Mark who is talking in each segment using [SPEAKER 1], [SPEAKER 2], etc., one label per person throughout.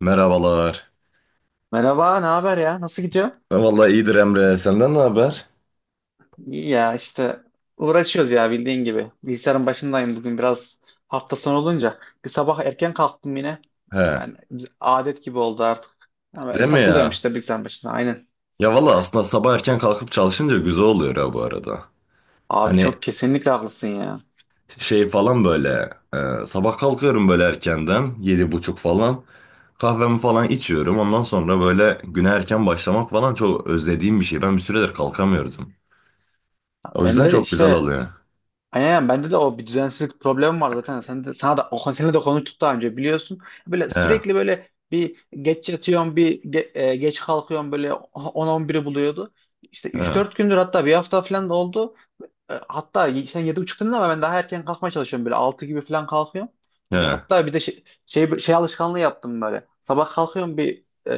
[SPEAKER 1] Merhabalar.
[SPEAKER 2] Merhaba, ne haber ya? Nasıl gidiyor?
[SPEAKER 1] Ha, vallahi iyidir Emre. Senden ne haber?
[SPEAKER 2] İyi ya işte uğraşıyoruz ya bildiğin gibi. Bilgisayarın başındayım bugün biraz hafta sonu olunca. Bir sabah erken kalktım yine.
[SPEAKER 1] He.
[SPEAKER 2] Yani adet gibi oldu artık. Ama
[SPEAKER 1] Değil mi
[SPEAKER 2] takılıyorum
[SPEAKER 1] ya?
[SPEAKER 2] işte bilgisayarın başında. Aynen.
[SPEAKER 1] Ya valla aslında sabah erken kalkıp çalışınca güzel oluyor ya bu arada.
[SPEAKER 2] Abi
[SPEAKER 1] Hani
[SPEAKER 2] çok kesinlikle haklısın ya.
[SPEAKER 1] şey falan böyle sabah kalkıyorum böyle erkenden 7.30 falan. Kahvemi falan içiyorum. Ondan sonra böyle güne erken başlamak falan çok özlediğim bir şey. Ben bir süredir kalkamıyordum. O
[SPEAKER 2] Ben
[SPEAKER 1] yüzden
[SPEAKER 2] de
[SPEAKER 1] çok güzel
[SPEAKER 2] işte
[SPEAKER 1] oluyor.
[SPEAKER 2] aynen bende de o bir düzensizlik problemi var zaten. Sen de, sana da o seni de konuştuk daha önce biliyorsun. Böyle
[SPEAKER 1] He.
[SPEAKER 2] sürekli böyle bir geç yatıyorum, bir geç kalkıyorum böyle on-on biri buluyordu. İşte üç
[SPEAKER 1] He.
[SPEAKER 2] dört gündür hatta bir hafta falan da oldu. Hatta sen 7.30 dedin ama ben daha erken kalkmaya çalışıyorum böyle 6 gibi falan kalkıyorum. Bir de,
[SPEAKER 1] He.
[SPEAKER 2] hatta bir de şey alışkanlığı yaptım böyle. Sabah kalkıyorum bir e,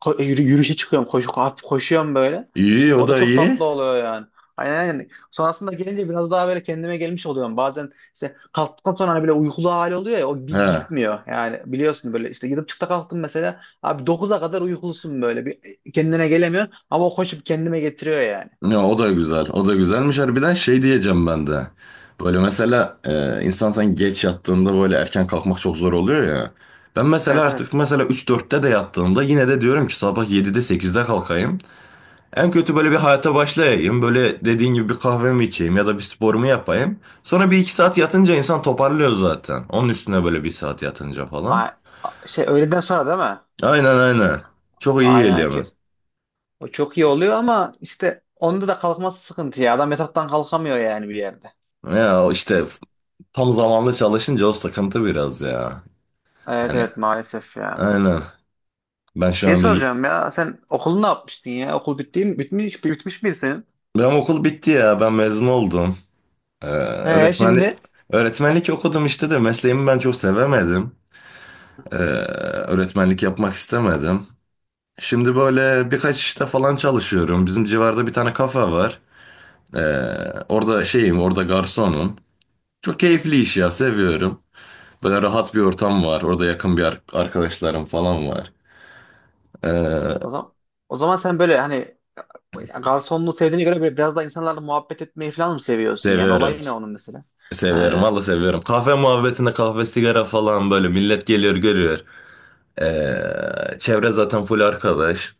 [SPEAKER 2] ko- e, yürü- yürüyüşe çıkıyorum koşu, hafif koşuyorum böyle.
[SPEAKER 1] İyi, o
[SPEAKER 2] O da
[SPEAKER 1] da
[SPEAKER 2] çok
[SPEAKER 1] iyi.
[SPEAKER 2] tatlı oluyor yani. Aynen aynen. Sonrasında gelince biraz daha böyle kendime gelmiş oluyorum. Bazen işte kalktıktan sonra hani böyle uykulu hali oluyor ya o bir
[SPEAKER 1] He.
[SPEAKER 2] gitmiyor. Yani biliyorsun böyle işte 7.30'ta kalktım mesela. Abi 9'a kadar uykulusun böyle bir kendine gelemiyorsun ama o koşup kendime getiriyor yani.
[SPEAKER 1] Ya, o da güzel. O da güzelmiş. Harbiden şey diyeceğim ben de. Böyle mesela insan sen geç yattığında böyle erken kalkmak çok zor oluyor ya. Ben mesela
[SPEAKER 2] Evet
[SPEAKER 1] artık
[SPEAKER 2] evet.
[SPEAKER 1] mesela 3-4'te de yattığımda yine de diyorum ki sabah 7'de 8'de kalkayım. En kötü böyle bir hayata başlayayım. Böyle dediğin gibi bir kahvemi içeyim ya da bir sporumu yapayım. Sonra bir iki saat yatınca insan toparlıyor zaten. Onun üstüne böyle bir saat yatınca falan.
[SPEAKER 2] A- Şey öğleden sonra değil mi?
[SPEAKER 1] Aynen aynen. Çok iyi
[SPEAKER 2] Aynen
[SPEAKER 1] geliyor.
[SPEAKER 2] hareket. O çok iyi oluyor ama işte onda da kalkması sıkıntı ya. Adam yataktan kalkamıyor yani bir yerde.
[SPEAKER 1] Ya işte tam zamanlı çalışınca o sıkıntı biraz ya.
[SPEAKER 2] Evet
[SPEAKER 1] Hani,
[SPEAKER 2] evet maalesef ya.
[SPEAKER 1] aynen. Ben şu
[SPEAKER 2] Şey
[SPEAKER 1] an bir...
[SPEAKER 2] soracağım ya sen okulu ne yapmıştın ya? Okul bitti mi? Bitmiş mi senin?
[SPEAKER 1] Benim okul bitti ya. Ben mezun oldum.
[SPEAKER 2] Ee
[SPEAKER 1] Öğretmenlik...
[SPEAKER 2] şimdi?
[SPEAKER 1] Öğretmenlik okudum işte de mesleğimi ben çok sevemedim. Ee, öğretmenlik yapmak istemedim. Şimdi böyle birkaç işte falan çalışıyorum. Bizim civarda bir tane kafe var. Ee, orada şeyim, orada garsonum. Çok keyifli iş ya, seviyorum. Böyle rahat bir ortam var. Orada yakın bir arkadaşlarım falan var. Ee,
[SPEAKER 2] O zaman, o zaman, sen böyle hani garsonluğu sevdiğine göre böyle biraz daha insanlarla muhabbet etmeyi falan mı seviyorsun yani?
[SPEAKER 1] seviyorum.
[SPEAKER 2] Olay ne onun mesela?
[SPEAKER 1] Seviyorum valla seviyorum. Kahve muhabbetinde kahve sigara falan böyle millet geliyor görüyor. Çevre zaten full arkadaş.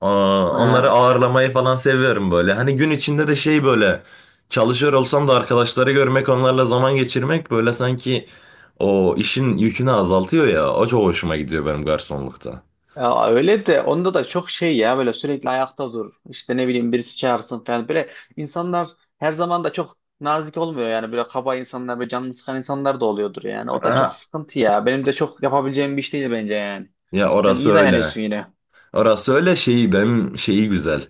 [SPEAKER 1] Aa, onları
[SPEAKER 2] Ee,
[SPEAKER 1] ağırlamayı falan seviyorum böyle. Hani gün içinde de şey böyle çalışıyor olsam da arkadaşları görmek, onlarla zaman geçirmek böyle sanki o işin yükünü azaltıyor ya. O çok hoşuma gidiyor benim garsonlukta.
[SPEAKER 2] Ya öyle de onda da çok şey ya böyle sürekli ayakta dur. İşte ne bileyim birisi çağırsın falan. Böyle insanlar her zaman da çok nazik olmuyor yani böyle kaba insanlar böyle canını sıkan insanlar da oluyordur yani. O da
[SPEAKER 1] Ha,
[SPEAKER 2] çok sıkıntı ya. Benim de çok yapabileceğim bir iş değil bence yani.
[SPEAKER 1] ya
[SPEAKER 2] Sen
[SPEAKER 1] orası
[SPEAKER 2] iyi
[SPEAKER 1] öyle.
[SPEAKER 2] dayanıyorsun yine.
[SPEAKER 1] Orası öyle, şeyi benim şeyi güzel.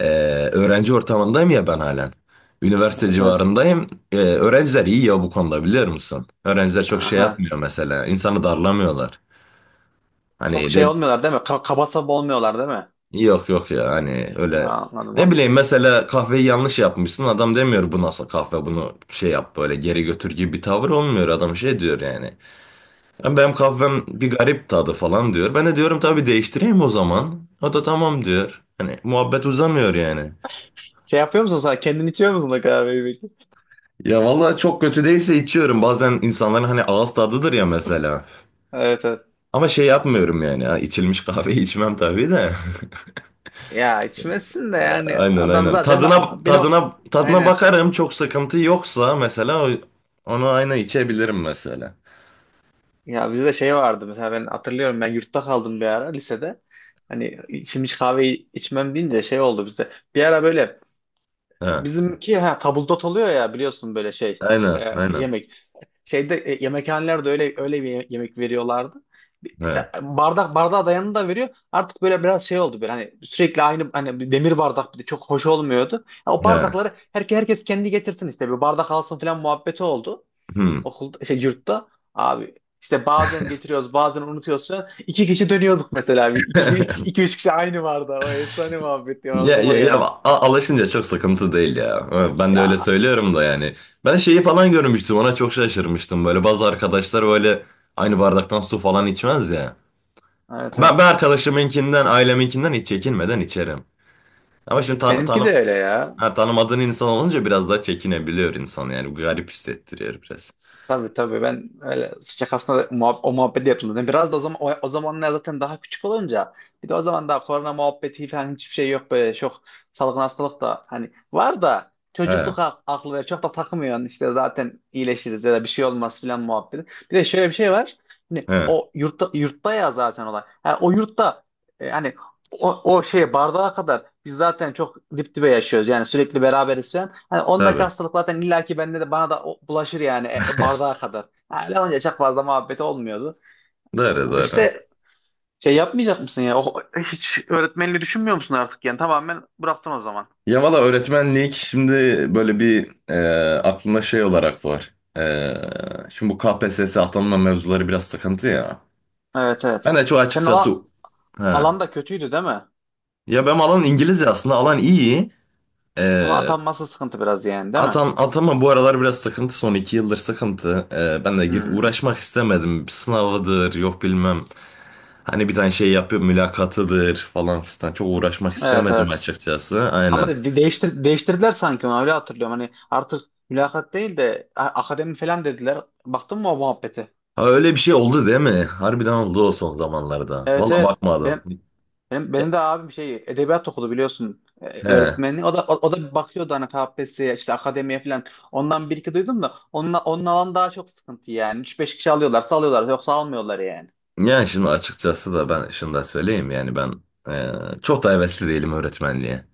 [SPEAKER 1] Ee, öğrenci ortamındayım ya ben halen. Üniversite
[SPEAKER 2] Evet evet.
[SPEAKER 1] civarındayım. Öğrenciler iyi ya bu konuda, biliyor musun? Öğrenciler çok şey
[SPEAKER 2] Aha.
[SPEAKER 1] yapmıyor mesela. İnsanı darlamıyorlar.
[SPEAKER 2] Çok
[SPEAKER 1] Hani
[SPEAKER 2] şey
[SPEAKER 1] de
[SPEAKER 2] olmuyorlar değil mi? Kaba saba olmuyorlar değil mi?
[SPEAKER 1] yok yok ya, hani öyle.
[SPEAKER 2] Aa, anladım
[SPEAKER 1] Ne
[SPEAKER 2] anladım.
[SPEAKER 1] bileyim mesela, kahveyi yanlış yapmışsın. Adam demiyor bu nasıl kahve, bunu şey yap, böyle geri götür gibi bir tavır olmuyor. Adam şey diyor yani. "Ya benim kahvem bir garip tadı" falan diyor. Ben de diyorum tabii, değiştireyim o zaman. O da tamam diyor. Hani muhabbet uzamıyor yani.
[SPEAKER 2] Şey yapıyor musun sen? Kendin içiyor musun da kahveyi peki?
[SPEAKER 1] Ya vallahi çok kötü değilse içiyorum. Bazen insanların hani ağız tadıdır ya mesela.
[SPEAKER 2] Evet evet.
[SPEAKER 1] Ama şey yapmıyorum yani. Ha, içilmiş kahveyi içmem tabii de.
[SPEAKER 2] Ya içmezsin de yani
[SPEAKER 1] Aynen
[SPEAKER 2] adam
[SPEAKER 1] aynen.
[SPEAKER 2] zaten
[SPEAKER 1] Tadına
[SPEAKER 2] beni ok-
[SPEAKER 1] tadına tadına
[SPEAKER 2] aynen.
[SPEAKER 1] bakarım. Çok sıkıntı yoksa mesela onu aynı içebilirim mesela.
[SPEAKER 2] Ya bizde şey vardı mesela ben hatırlıyorum ben yurtta kaldım bir ara lisede. Hani şimdi hiç kahve içmem deyince şey oldu bizde. Bir ara böyle
[SPEAKER 1] Ha,
[SPEAKER 2] bizimki ha, tabuldot oluyor ya biliyorsun böyle şey
[SPEAKER 1] aynen aynen.
[SPEAKER 2] yemek. Şeyde yemekhanelerde öyle öyle bir yemek veriyorlardı. İşte
[SPEAKER 1] Ha,
[SPEAKER 2] bardak bardağa dayanını da veriyor. Artık böyle biraz şey oldu böyle hani sürekli aynı hani bir demir bardak bir de çok hoş olmuyordu. Ya o
[SPEAKER 1] ha.
[SPEAKER 2] bardakları herkes kendi getirsin işte bir bardak alsın falan muhabbeti oldu
[SPEAKER 1] Hmm.
[SPEAKER 2] okulda şey yurtta abi işte bazen getiriyoruz bazen unutuyoruz falan. İki kişi dönüyorduk mesela bir iki, iki üç kişi aynı vardı o efsane muhabbet ya
[SPEAKER 1] Ya,
[SPEAKER 2] aklıma
[SPEAKER 1] ya, ya
[SPEAKER 2] geldi.
[SPEAKER 1] alışınca çok sıkıntı değil ya. Ha, ben de öyle
[SPEAKER 2] Ya
[SPEAKER 1] söylüyorum da yani. Ben şeyi falan görmüştüm. Ona çok şaşırmıştım. Böyle bazı arkadaşlar böyle aynı bardaktan su falan içmez ya.
[SPEAKER 2] evet
[SPEAKER 1] Ben,
[SPEAKER 2] evet.
[SPEAKER 1] ben arkadaşımınkinden, aileminkinden hiç çekinmeden içerim. Ama şimdi tan
[SPEAKER 2] Benimki
[SPEAKER 1] tanı
[SPEAKER 2] de öyle ya.
[SPEAKER 1] ha, tanımadığın insan olunca biraz daha çekinebiliyor insan yani. Garip hissettiriyor biraz.
[SPEAKER 2] Tabii tabii ben öyle şakasına da muhab o muhabbeti yapıldı. Yani biraz da o zaman o zamanlar zaten daha küçük olunca bir de o zaman daha korona muhabbeti falan hiçbir şey yok böyle çok salgın hastalık da hani var da
[SPEAKER 1] He,
[SPEAKER 2] çocukluk aklı ve çok da takmıyorsun işte zaten iyileşiriz ya da bir şey olmaz filan muhabbeti. Bir de şöyle bir şey var. Hani
[SPEAKER 1] he,
[SPEAKER 2] o yurtta, yurtta ya zaten olay. Ha, o yurtta hani o şeye bardağa kadar biz zaten çok dip dibe yaşıyoruz yani sürekli beraberiz falan. Hani ondaki
[SPEAKER 1] tabii.
[SPEAKER 2] hastalık zaten illaki bende de bana da bulaşır yani bardağa kadar. Ha, öyle olunca çok fazla muhabbet olmuyordu.
[SPEAKER 1] Doğru,
[SPEAKER 2] Ama
[SPEAKER 1] doğru.
[SPEAKER 2] işte şey yapmayacak mısın ya? O, hiç öğretmenliği düşünmüyor musun artık yani? Tamamen bıraktın o zaman.
[SPEAKER 1] Ya valla öğretmenlik şimdi böyle bir aklımda şey olarak var. E, şimdi bu KPSS atanma mevzuları biraz sıkıntı ya.
[SPEAKER 2] Evet evet.
[SPEAKER 1] Ben de çok
[SPEAKER 2] Senin
[SPEAKER 1] açıkçası...
[SPEAKER 2] alan,
[SPEAKER 1] Ha.
[SPEAKER 2] alan da kötüydü değil mi?
[SPEAKER 1] Ya benim alan İngilizce, aslında alan iyi. E,
[SPEAKER 2] Ama atanması sıkıntı biraz yani değil mi?
[SPEAKER 1] atama bu aralar biraz sıkıntı, son 2 yıldır sıkıntı. Ben de
[SPEAKER 2] Hmm.
[SPEAKER 1] uğraşmak istemedim. Sınavıdır, yok bilmem. Hani bir tane şey yapıyor, mülakatıdır falan fistan. Çok uğraşmak
[SPEAKER 2] Evet
[SPEAKER 1] istemedim
[SPEAKER 2] evet.
[SPEAKER 1] açıkçası.
[SPEAKER 2] Ama
[SPEAKER 1] Aynen.
[SPEAKER 2] değiştirdiler sanki onu öyle hatırlıyorum. Hani artık mülakat değil de akademi falan dediler. Baktın mı o muhabbete?
[SPEAKER 1] Ha, öyle bir şey oldu değil mi? Harbiden oldu o son zamanlarda.
[SPEAKER 2] Evet
[SPEAKER 1] Valla
[SPEAKER 2] evet.
[SPEAKER 1] bakmadım.
[SPEAKER 2] Benim de abim şey edebiyat okudu biliyorsun.
[SPEAKER 1] He.
[SPEAKER 2] Öğretmeni. O da o da bir bakıyordu hani KPSS'ye işte akademiye falan. Ondan bir iki duydum da onun alan daha çok sıkıntı yani. Üç beş kişi alıyorlarsa alıyorlar yoksa almıyorlar yani.
[SPEAKER 1] Yani şimdi açıkçası da ben şunu da söyleyeyim yani, ben e, çok da hevesli değilim öğretmenliğe.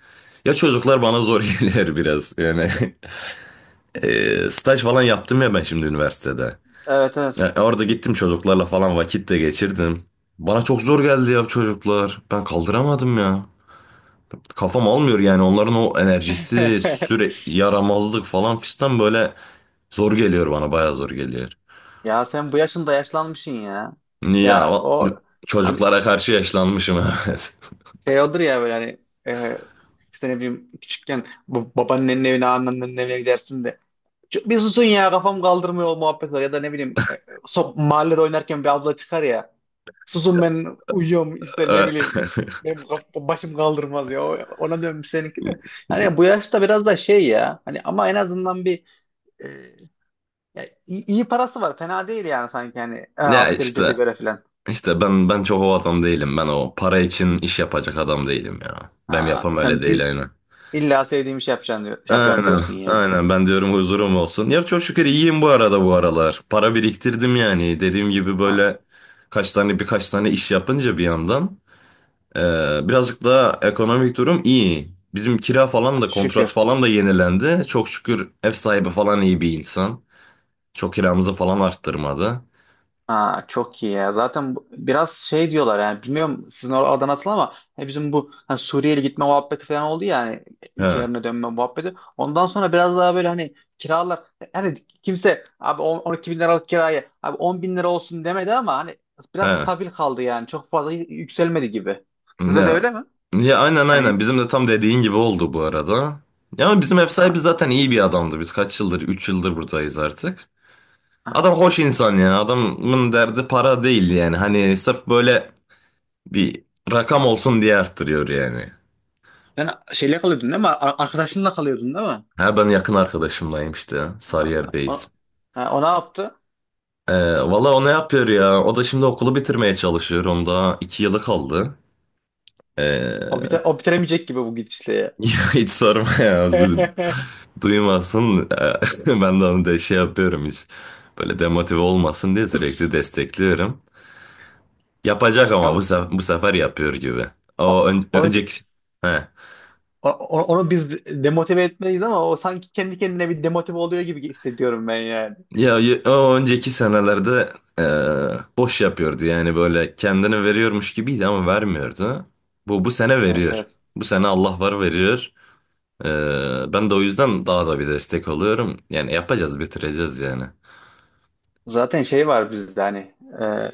[SPEAKER 1] Ya çocuklar bana zor geliyor biraz yani. Staj falan yaptım ya ben şimdi üniversitede.
[SPEAKER 2] Evet
[SPEAKER 1] Ya
[SPEAKER 2] evet.
[SPEAKER 1] orada gittim, çocuklarla falan vakit de geçirdim. Bana çok zor geldi ya çocuklar. Ben kaldıramadım ya. Kafam almıyor yani onların o enerjisi, sürekli yaramazlık falan fistan böyle zor geliyor bana, bayağı zor geliyor.
[SPEAKER 2] Ya sen bu yaşında yaşlanmışsın ya.
[SPEAKER 1] Ya
[SPEAKER 2] Ya o hani
[SPEAKER 1] çocuklara karşı yaşlanmışım evet.
[SPEAKER 2] şey olur ya böyle hani e, işte ne bileyim küçükken bu babaannenin evine anneannenin evine gidersin de bir susun ya kafam kaldırmıyor o muhabbet var ya da ne bileyim mahallede oynarken bir abla çıkar ya susun ben uyuyorum işte ne
[SPEAKER 1] Ee,
[SPEAKER 2] bileyim benim başım kaldırmaz ya ona dönmüş seninki de hani bu yaşta biraz da şey ya hani ama en azından bir e, ya iyi, iyi parası var fena değil yani sanki hani
[SPEAKER 1] ya
[SPEAKER 2] asgari ücrete
[SPEAKER 1] işte
[SPEAKER 2] göre filan.
[SPEAKER 1] ben çok o adam değilim. Ben o para için iş yapacak adam değilim ya. Ben
[SPEAKER 2] Aa,
[SPEAKER 1] yapam
[SPEAKER 2] sen
[SPEAKER 1] öyle değil, aynen.
[SPEAKER 2] illa sevdiğim şey yapacaksın diyor, şey yapacağım
[SPEAKER 1] Aynen,
[SPEAKER 2] diyorsun ya.
[SPEAKER 1] aynen. Ben diyorum huzurum olsun. Ya çok şükür iyiyim bu arada bu aralar. Para biriktirdim yani. Dediğim gibi böyle kaç tane birkaç tane iş yapınca bir yandan birazcık daha ekonomik durum iyi. Bizim kira falan da kontrat
[SPEAKER 2] Şükür.
[SPEAKER 1] falan da yenilendi. Çok şükür ev sahibi falan iyi bir insan. Çok kiramızı falan arttırmadı.
[SPEAKER 2] Ha, çok iyi ya. Zaten biraz şey diyorlar yani bilmiyorum sizin orada oradan nasıl ama hani bizim bu hani Suriyeli gitme muhabbeti falan oldu ya hani
[SPEAKER 1] He,
[SPEAKER 2] ülkelerine dönme muhabbeti. Ondan sonra biraz daha böyle hani kiralar hani kimse abi 12 bin liralık kirayı abi 10 bin lira olsun demedi ama hani biraz
[SPEAKER 1] he.
[SPEAKER 2] stabil kaldı yani çok fazla yükselmedi gibi. Sizde de
[SPEAKER 1] Ya,
[SPEAKER 2] öyle mi?
[SPEAKER 1] ya aynen aynen.
[SPEAKER 2] Hani
[SPEAKER 1] Bizim de tam dediğin gibi oldu bu arada. Ya bizim ev
[SPEAKER 2] ha,
[SPEAKER 1] sahibi zaten iyi bir adamdı. Biz kaç yıldır? 3 yıldır buradayız artık.
[SPEAKER 2] ha.
[SPEAKER 1] Adam hoş insan ya. Adamın derdi para değil yani. Hani sırf böyle bir rakam olsun diye arttırıyor yani.
[SPEAKER 2] Sen şeyle kalıyordun değil mi? Arkadaşınla kalıyordun değil mi?
[SPEAKER 1] Ha, ben yakın arkadaşımdayım işte.
[SPEAKER 2] O,
[SPEAKER 1] Sarıyer'deyiz.
[SPEAKER 2] ha, o ne yaptı?
[SPEAKER 1] Ee, valla o ne yapıyor ya? O da şimdi okulu bitirmeye çalışıyor. Onda 2 yılı kaldı. Ee,
[SPEAKER 2] O bitiremeyecek gibi bu gidişle
[SPEAKER 1] ya hiç sorma ya.
[SPEAKER 2] ya.
[SPEAKER 1] Duymasın. Ben de onu da şey yapıyorum hiç. Böyle demotive olmasın diye sürekli destekliyorum. Yapacak ama bu
[SPEAKER 2] Yani
[SPEAKER 1] sefer, bu sefer yapıyor gibi. O
[SPEAKER 2] o- onu,
[SPEAKER 1] önceki... He.
[SPEAKER 2] o- onu biz demotive etmeliyiz ama o sanki kendi kendine bir demotive oluyor gibi hissediyorum ben yani.
[SPEAKER 1] Ya o önceki senelerde e, boş yapıyordu yani, böyle kendini veriyormuş gibiydi ama vermiyordu. Bu sene
[SPEAKER 2] Evet
[SPEAKER 1] veriyor.
[SPEAKER 2] evet.
[SPEAKER 1] Bu sene Allah var, veriyor. Ben de o yüzden daha da bir destek oluyorum. Yani yapacağız, bitireceğiz yani.
[SPEAKER 2] Zaten şey var bizde hani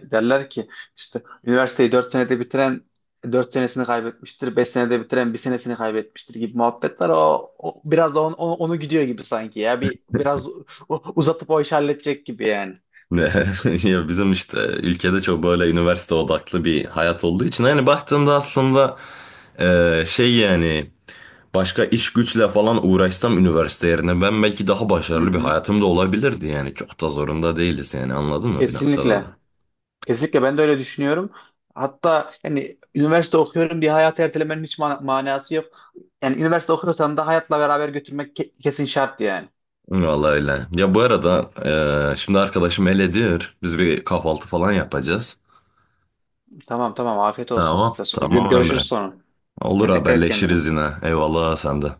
[SPEAKER 2] derler ki işte üniversiteyi 4 senede bitiren 4 senesini kaybetmiştir, 5 senede bitiren bir senesini kaybetmiştir gibi muhabbetler o biraz da onu gidiyor gibi sanki ya bir biraz uzatıp o işi halledecek gibi yani.
[SPEAKER 1] Ne ya bizim işte ülkede çok böyle üniversite odaklı bir hayat olduğu için, yani baktığında aslında e, şey yani başka iş güçle falan uğraşsam üniversite yerine, ben belki daha
[SPEAKER 2] Hı
[SPEAKER 1] başarılı bir
[SPEAKER 2] hı.
[SPEAKER 1] hayatım da olabilirdi yani. Çok da zorunda değiliz yani, anladın mı, bir noktada
[SPEAKER 2] Kesinlikle.
[SPEAKER 1] da.
[SPEAKER 2] Kesinlikle ben de öyle düşünüyorum. Hatta yani üniversite okuyorum diye hayatı ertelemenin hiç manası yok. Yani üniversite okuyorsan da hayatla beraber götürmek kesin şart yani.
[SPEAKER 1] Vallahi öyle. Ya bu arada şimdi arkadaşım elediyor. Biz bir kahvaltı falan yapacağız.
[SPEAKER 2] Tamam tamam afiyet olsun
[SPEAKER 1] Tamam.
[SPEAKER 2] size.
[SPEAKER 1] Tamam
[SPEAKER 2] Görüşürüz
[SPEAKER 1] Emre.
[SPEAKER 2] sonra.
[SPEAKER 1] Olur,
[SPEAKER 2] Yani dikkat et kendine.
[SPEAKER 1] haberleşiriz yine. Eyvallah, sen de.